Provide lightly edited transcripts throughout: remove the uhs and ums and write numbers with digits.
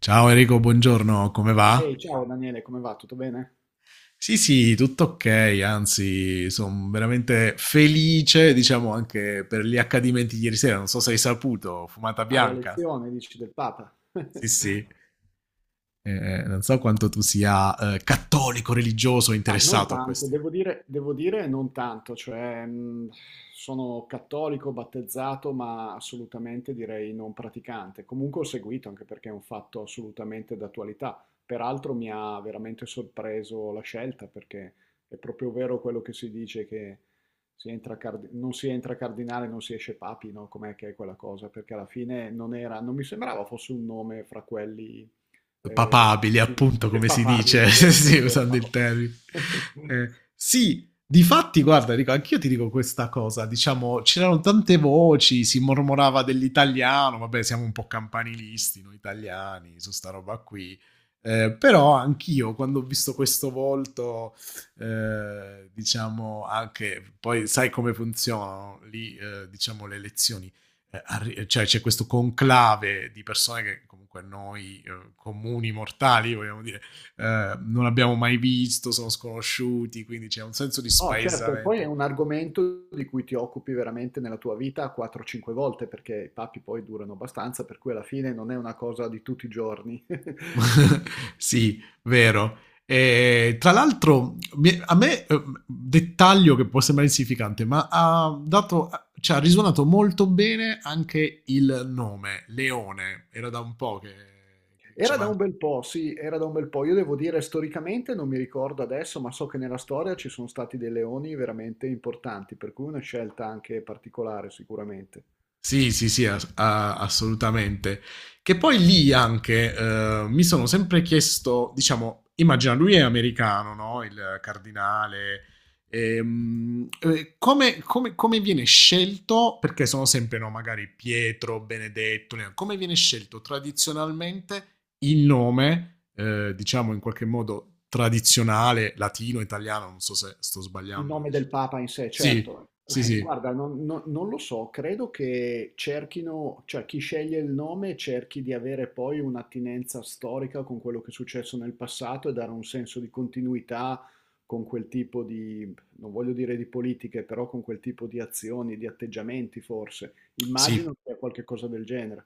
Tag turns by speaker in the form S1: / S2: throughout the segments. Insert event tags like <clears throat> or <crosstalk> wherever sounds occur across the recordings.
S1: Ciao Enrico, buongiorno, come va?
S2: Ehi, ciao Daniele, come va? Tutto bene?
S1: Sì, sì, tutto ok, anzi, sono veramente felice, diciamo, anche per gli accadimenti di ieri sera. Non so se hai saputo, fumata
S2: Ah, la
S1: bianca.
S2: lezione, dici, del Papa.
S1: Sì,
S2: <laughs>
S1: sì. Non so quanto tu sia cattolico, religioso,
S2: Ah, non
S1: interessato a
S2: tanto,
S1: questi.
S2: devo dire non tanto, cioè sono cattolico battezzato, ma assolutamente direi non praticante. Comunque ho seguito anche perché è un fatto assolutamente d'attualità. Peraltro mi ha veramente sorpreso la scelta perché è proprio vero quello che si dice che non si entra cardinale, non si esce papi, no? Com'è che è quella cosa? Perché alla fine non mi sembrava fosse un nome fra quelli eh,
S1: Papabili, appunto,
S2: che
S1: come
S2: fa
S1: si
S2: paghi
S1: dice, <laughs>
S2: nel vero
S1: sì,
S2: senso della
S1: usando
S2: parola.
S1: il termine.
S2: <laughs>
S1: Sì, difatti, guarda, dico, anch'io ti dico questa cosa, diciamo, c'erano tante voci, si mormorava dell'italiano, vabbè, siamo un po' campanilisti noi italiani su sta roba qui, però anch'io quando ho visto questo volto, diciamo, anche, poi sai come funzionano lì, diciamo, le elezioni cioè c'è questo conclave di persone che comunque noi comuni mortali, vogliamo dire, non abbiamo mai visto, sono sconosciuti, quindi c'è un senso di
S2: No, certo, e poi è
S1: spaesamento.
S2: un argomento di cui ti occupi veramente nella tua vita 4-5 volte, perché i papi poi durano abbastanza, per cui alla fine non è una cosa di tutti i giorni. <laughs>
S1: <laughs> Sì, vero. E, tra l'altro, a me, dettaglio che può sembrare insignificante, ma ha dato, cioè, ha risuonato molto bene anche il nome, Leone. Era da un po' che ci
S2: Era da un
S1: mancava.
S2: bel po', sì, era da un bel po'. Io devo dire, storicamente non mi ricordo adesso, ma so che nella storia ci sono stati dei leoni veramente importanti, per cui una scelta anche particolare sicuramente.
S1: Sì, sì, sì, assolutamente. Che poi lì anche mi sono sempre chiesto, diciamo, immagina lui è americano, no? Il cardinale. Come, come viene scelto? Perché sono sempre, no, magari Pietro, Benedetto, Leone, come viene scelto tradizionalmente il nome, diciamo in qualche modo tradizionale, latino, italiano, non so se sto
S2: Il
S1: sbagliando,
S2: nome
S1: dici
S2: del
S1: tu.
S2: Papa in sé,
S1: Sì,
S2: certo.
S1: sì, sì.
S2: Guarda, non lo so, credo che cerchino, cioè chi sceglie il nome cerchi di avere poi un'attinenza storica con quello che è successo nel passato e dare un senso di continuità con non voglio dire di politiche, però con quel tipo di azioni, di atteggiamenti forse.
S1: Sì,
S2: Immagino che sia qualche cosa del genere.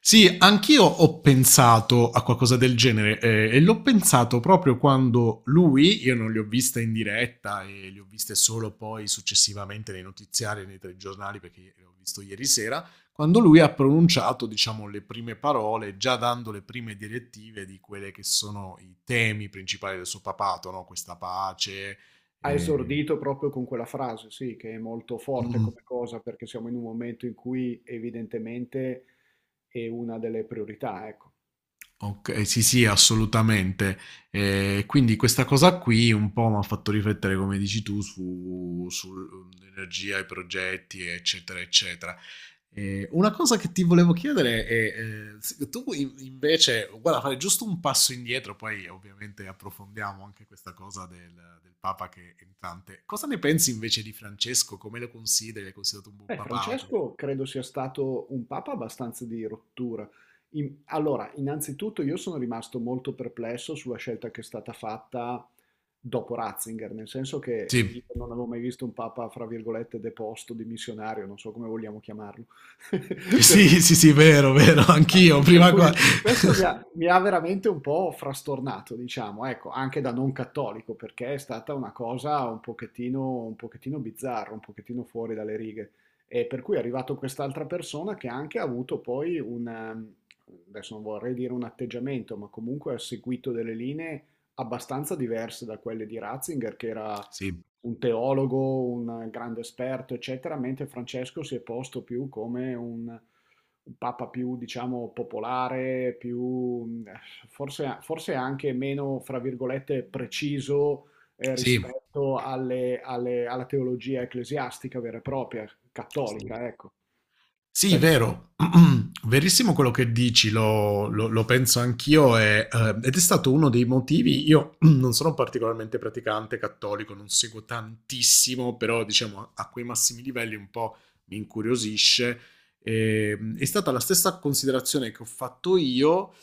S1: sì, anch'io ho pensato a qualcosa del genere e l'ho pensato proprio quando lui, io non li ho viste in diretta e li ho viste solo poi successivamente nei notiziari e nei telegiornali perché li ho visto ieri sera, quando lui ha pronunciato, diciamo, le prime parole, già dando le prime direttive di quelle che sono i temi principali del suo papato, no? Questa pace.
S2: Ha
S1: eh,
S2: esordito proprio con quella frase, sì, che è molto forte
S1: mm.
S2: come cosa, perché siamo in un momento in cui evidentemente è una delle priorità, ecco.
S1: Ok, sì, sì, assolutamente. Quindi questa cosa qui un po' mi ha fatto riflettere, come dici tu, su, sull'energia, i progetti, eccetera, eccetera. Una cosa che ti volevo chiedere è, se tu invece, guarda, fare giusto un passo indietro, poi ovviamente approfondiamo anche questa cosa del, del Papa che è entrante. Cosa ne pensi invece di Francesco? Come lo consideri? L'hai considerato un buon
S2: Beh,
S1: papato?
S2: Francesco credo sia stato un papa abbastanza di rottura. Allora, innanzitutto io sono rimasto molto perplesso sulla scelta che è stata fatta dopo Ratzinger, nel senso
S1: Sì,
S2: che io non avevo mai visto un papa, fra virgolette, deposto, dimissionario, non so come vogliamo chiamarlo. <laughs> Per cui
S1: sì, sì, sì, vero, vero,
S2: ah,
S1: anch'io,
S2: per
S1: prima qua.
S2: cui questo mi ha veramente un po' frastornato, diciamo, ecco, anche da non cattolico, perché è stata una cosa un pochettino bizzarra, un pochettino fuori dalle righe. E per cui è arrivato quest'altra persona che anche ha avuto poi un, adesso non vorrei dire un atteggiamento, ma comunque ha seguito delle linee abbastanza diverse da quelle di Ratzinger, che era
S1: Sì,
S2: un teologo, un grande esperto, eccetera, mentre Francesco si è posto più come un papa più, diciamo, popolare, più, forse anche meno, fra virgolette, preciso,
S1: sì.
S2: rispetto alla teologia ecclesiastica vera e propria, cattolica, ecco.
S1: Sì,
S2: Adesso,
S1: vero, <clears throat> verissimo quello che dici, lo penso anch'io e, ed è stato uno dei motivi, io <clears throat> non sono particolarmente praticante cattolico, non seguo tantissimo, però diciamo a quei massimi livelli un po' mi incuriosisce. E, è stata la stessa considerazione che ho fatto io.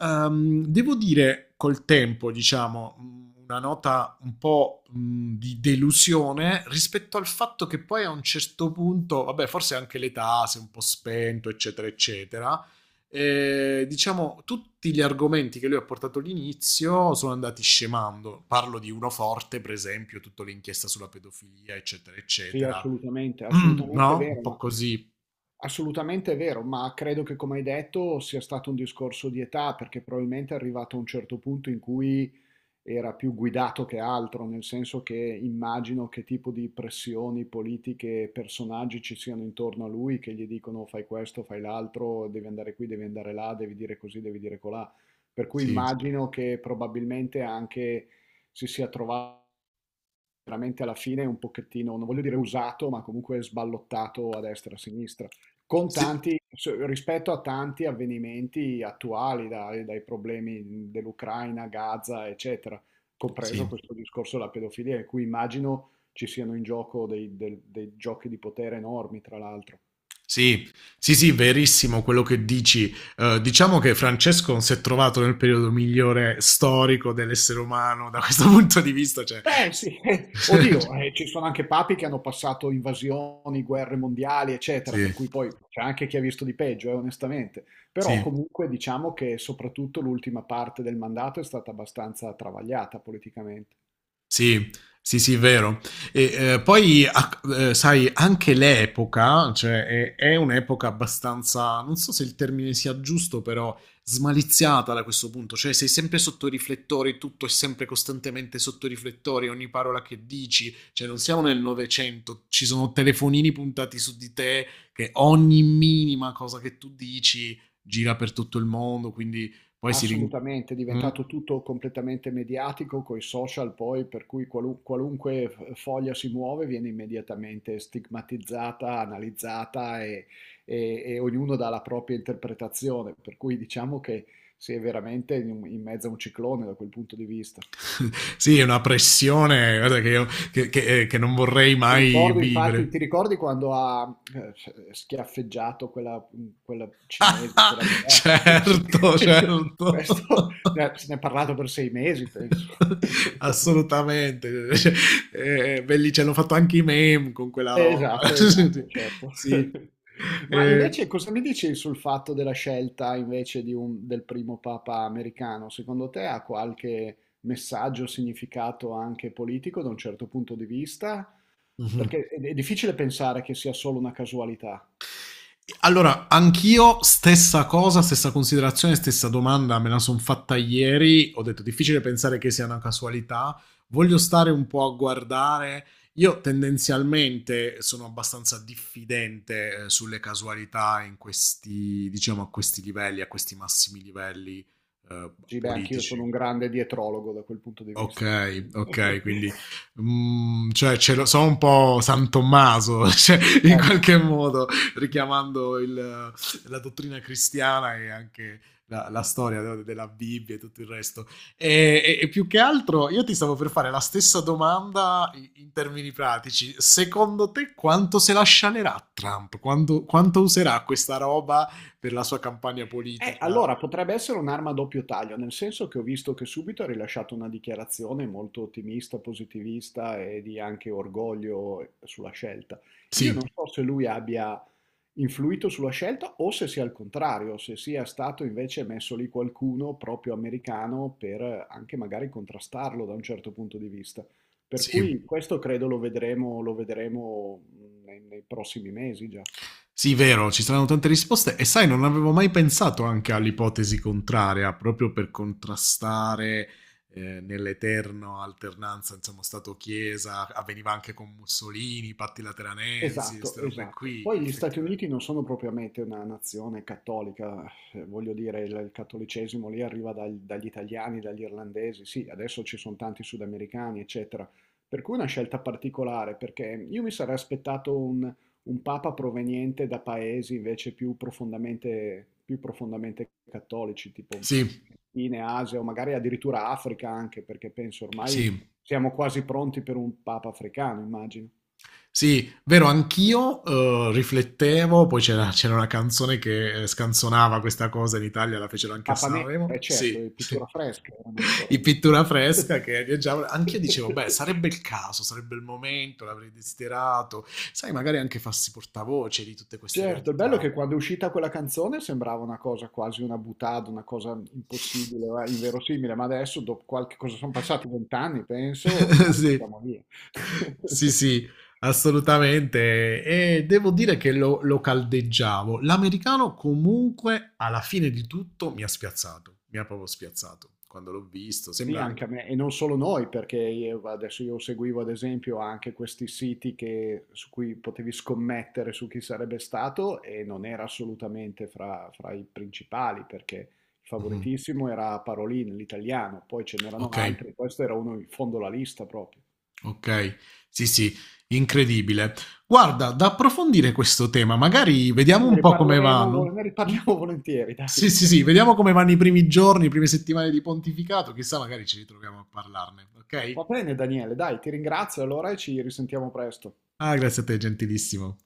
S1: Devo dire col tempo, diciamo, mm, una nota un po' di delusione rispetto al fatto che poi a un certo punto, vabbè, forse anche l'età si è un po' spento, eccetera, eccetera. Diciamo, tutti gli argomenti che lui ha portato all'inizio sono andati scemando. Parlo di uno forte, per esempio, tutta l'inchiesta sulla pedofilia, eccetera,
S2: sì,
S1: eccetera. <clears throat>
S2: assolutamente,
S1: No? Un po' così.
S2: assolutamente vero, ma credo che come hai detto sia stato un discorso di età, perché probabilmente è arrivato a un certo punto in cui era più guidato che altro, nel senso che immagino che tipo di pressioni politiche e personaggi ci siano intorno a lui che gli dicono fai questo, fai l'altro, devi andare qui, devi andare là, devi dire così, devi dire colà. Per cui
S1: Sì.
S2: immagino che probabilmente anche si sia trovato veramente alla fine un pochettino, non voglio dire usato, ma comunque sballottato a destra e a sinistra, con
S1: Sì.
S2: tanti, rispetto a tanti avvenimenti attuali, dai problemi dell'Ucraina, Gaza, eccetera,
S1: Sì.
S2: compreso questo discorso della pedofilia, in cui immagino ci siano in gioco dei giochi di potere enormi, tra l'altro.
S1: Sì, sì, sì, verissimo quello che dici. Diciamo che Francesco non si è trovato nel periodo migliore storico dell'essere umano da questo <laughs> punto di vista. Cioè... <laughs>
S2: Beh, sì, <laughs> oddio, ci sono anche papi che hanno passato invasioni, guerre mondiali, eccetera,
S1: Sì,
S2: per cui poi c'è anche chi ha visto di peggio, onestamente. Però
S1: sì.
S2: comunque diciamo che soprattutto l'ultima parte del mandato è stata abbastanza travagliata politicamente.
S1: Sì, sì, sì, vero. E, poi, sai, anche l'epoca, cioè, è un'epoca abbastanza, non so se il termine sia giusto, però smaliziata da questo punto. Cioè, sei sempre sotto i riflettori, tutto è sempre costantemente sotto i riflettori, ogni parola che dici. Cioè, non siamo nel Novecento, ci sono telefonini puntati su di te, che ogni minima cosa che tu dici gira per tutto il mondo, quindi poi si rin...
S2: Assolutamente, è
S1: Mm?
S2: diventato tutto completamente mediatico coi social poi, per cui qualunque foglia si muove viene immediatamente stigmatizzata, analizzata e, e ognuno dà la propria interpretazione, per cui diciamo che si è veramente in mezzo a un ciclone da quel punto di vista.
S1: <laughs> Sì, è una pressione guarda, che, io, che non vorrei
S2: Ti
S1: mai
S2: ricordo, infatti,
S1: vivere.
S2: ti ricordi quando ha schiaffeggiato quella cinese? Quella...
S1: <laughs>
S2: lì?
S1: Certo,
S2: <laughs>
S1: certo.
S2: Questo
S1: <laughs>
S2: se ne è parlato per 6 mesi, penso. <laughs>
S1: Assolutamente. Cioè, belli, ce l'hanno fatto anche i meme con quella roba.
S2: Esatto, esatto,
S1: <laughs>
S2: certo.
S1: Sì.
S2: <laughs> Ma
S1: Eh,
S2: invece cosa mi dici sul fatto della scelta invece di del primo papa americano? Secondo te ha qualche messaggio, significato anche politico da un certo punto di vista?
S1: mhm.
S2: Perché è difficile pensare che sia solo una casualità.
S1: Allora, anch'io stessa cosa, stessa considerazione, stessa domanda, me la sono fatta ieri, ho detto difficile pensare che sia una casualità, voglio stare un po' a guardare, io tendenzialmente sono abbastanza diffidente sulle casualità in questi, diciamo, a questi livelli, a questi massimi livelli eh,
S2: Sì, beh, anch'io sono
S1: politici.
S2: un grande dietrologo da quel punto di vista.
S1: Okay, okay, quindi,
S2: <laughs>
S1: mhmm, cioè ce lo so un po' San Tommaso, <laughs> cioè in
S2: Ecco.
S1: qualche modo richiamando il la dottrina cristiana e anche la storia no, de della Bibbia e tutto il resto. E più che altro io ti stavo per fare la stessa domanda i in termini pratici. Secondo te quanto se la scialerà Trump? Quando quanto userà questa roba per la sua campagna politica?
S2: Allora potrebbe essere un'arma a doppio taglio, nel senso che ho visto che subito ha rilasciato una dichiarazione molto ottimista, positivista e di anche orgoglio sulla scelta. Io
S1: Sì,
S2: non so se lui abbia influito sulla scelta o se sia al contrario, se sia stato invece messo lì qualcuno proprio americano per anche magari contrastarlo da un certo punto di vista. Per cui
S1: sì.
S2: questo credo lo vedremo nei prossimi mesi già.
S1: Sì, vero, ci saranno tante risposte e sai, non avevo mai pensato anche all'ipotesi contraria, proprio per contrastare nell'eterno alternanza, insomma, Stato-Chiesa, avveniva anche con Mussolini, patti lateranensi,
S2: Esatto,
S1: queste robe
S2: esatto.
S1: qui,
S2: Poi gli Stati
S1: effettivamente.
S2: Uniti non sono propriamente una nazione cattolica, voglio dire, il cattolicesimo lì arriva dagli italiani, dagli irlandesi, sì, adesso ci sono tanti sudamericani, eccetera. Per cui una scelta particolare, perché io mi sarei aspettato un papa proveniente da paesi invece più profondamente cattolici, tipo
S1: Sì,
S2: in Asia o magari addirittura Africa anche, perché penso ormai
S1: sì.
S2: siamo quasi pronti per un papa africano, immagino.
S1: Sì, vero, anch'io riflettevo, poi c'era una canzone che scanzonava questa cosa in Italia, la fecero anche a
S2: Papa Nera, eh
S1: Sanremo.
S2: certo,
S1: Sì,
S2: e
S1: sì.
S2: pittura fresca erano
S1: <laughs>
S2: ancora,
S1: Di
S2: no?
S1: pittura fresca che viaggiavo. Anch'io dicevo, beh,
S2: <laughs>
S1: sarebbe il caso, sarebbe il momento, l'avrei desiderato. Sai, magari anche farsi portavoce di tutte queste
S2: Certo, il bello è
S1: realtà.
S2: che quando è uscita quella canzone sembrava una cosa quasi una boutade, una cosa impossibile, inverosimile, ma adesso dopo qualche cosa sono passati 20 anni, penso,
S1: <laughs>
S2: ormai
S1: Sì,
S2: siamo lì.
S1: sì,
S2: <laughs>
S1: sì, assolutamente. E devo dire che lo caldeggiavo. L'americano comunque, alla fine di tutto, mi ha spiazzato. Mi ha proprio spiazzato quando l'ho visto.
S2: Sì,
S1: Sembra
S2: anche a
S1: anche...
S2: me, e non solo noi, perché adesso io seguivo ad esempio anche questi siti su cui potevi scommettere su chi sarebbe stato e non era assolutamente fra i principali, perché il
S1: Mhm.
S2: favoritissimo era Parolin, l'italiano, poi ce
S1: Ok.
S2: n'erano altri, questo era uno in fondo alla lista proprio.
S1: Okay. Sì, sì, incredibile. Guarda, da approfondire questo tema, magari
S2: Sì,
S1: vediamo
S2: ne
S1: un po' come
S2: riparleremo,
S1: vanno.
S2: ne
S1: Mh?
S2: riparliamo <laughs> volentieri,
S1: Sì,
S2: dai.
S1: sì, sì,
S2: <laughs>
S1: vediamo come vanno i primi giorni, le prime settimane di pontificato, chissà magari ci ritroviamo a parlarne,
S2: Va
S1: okay?
S2: bene, Daniele, dai, ti ringrazio allora e ci risentiamo presto.
S1: Ah, grazie a te, gentilissimo.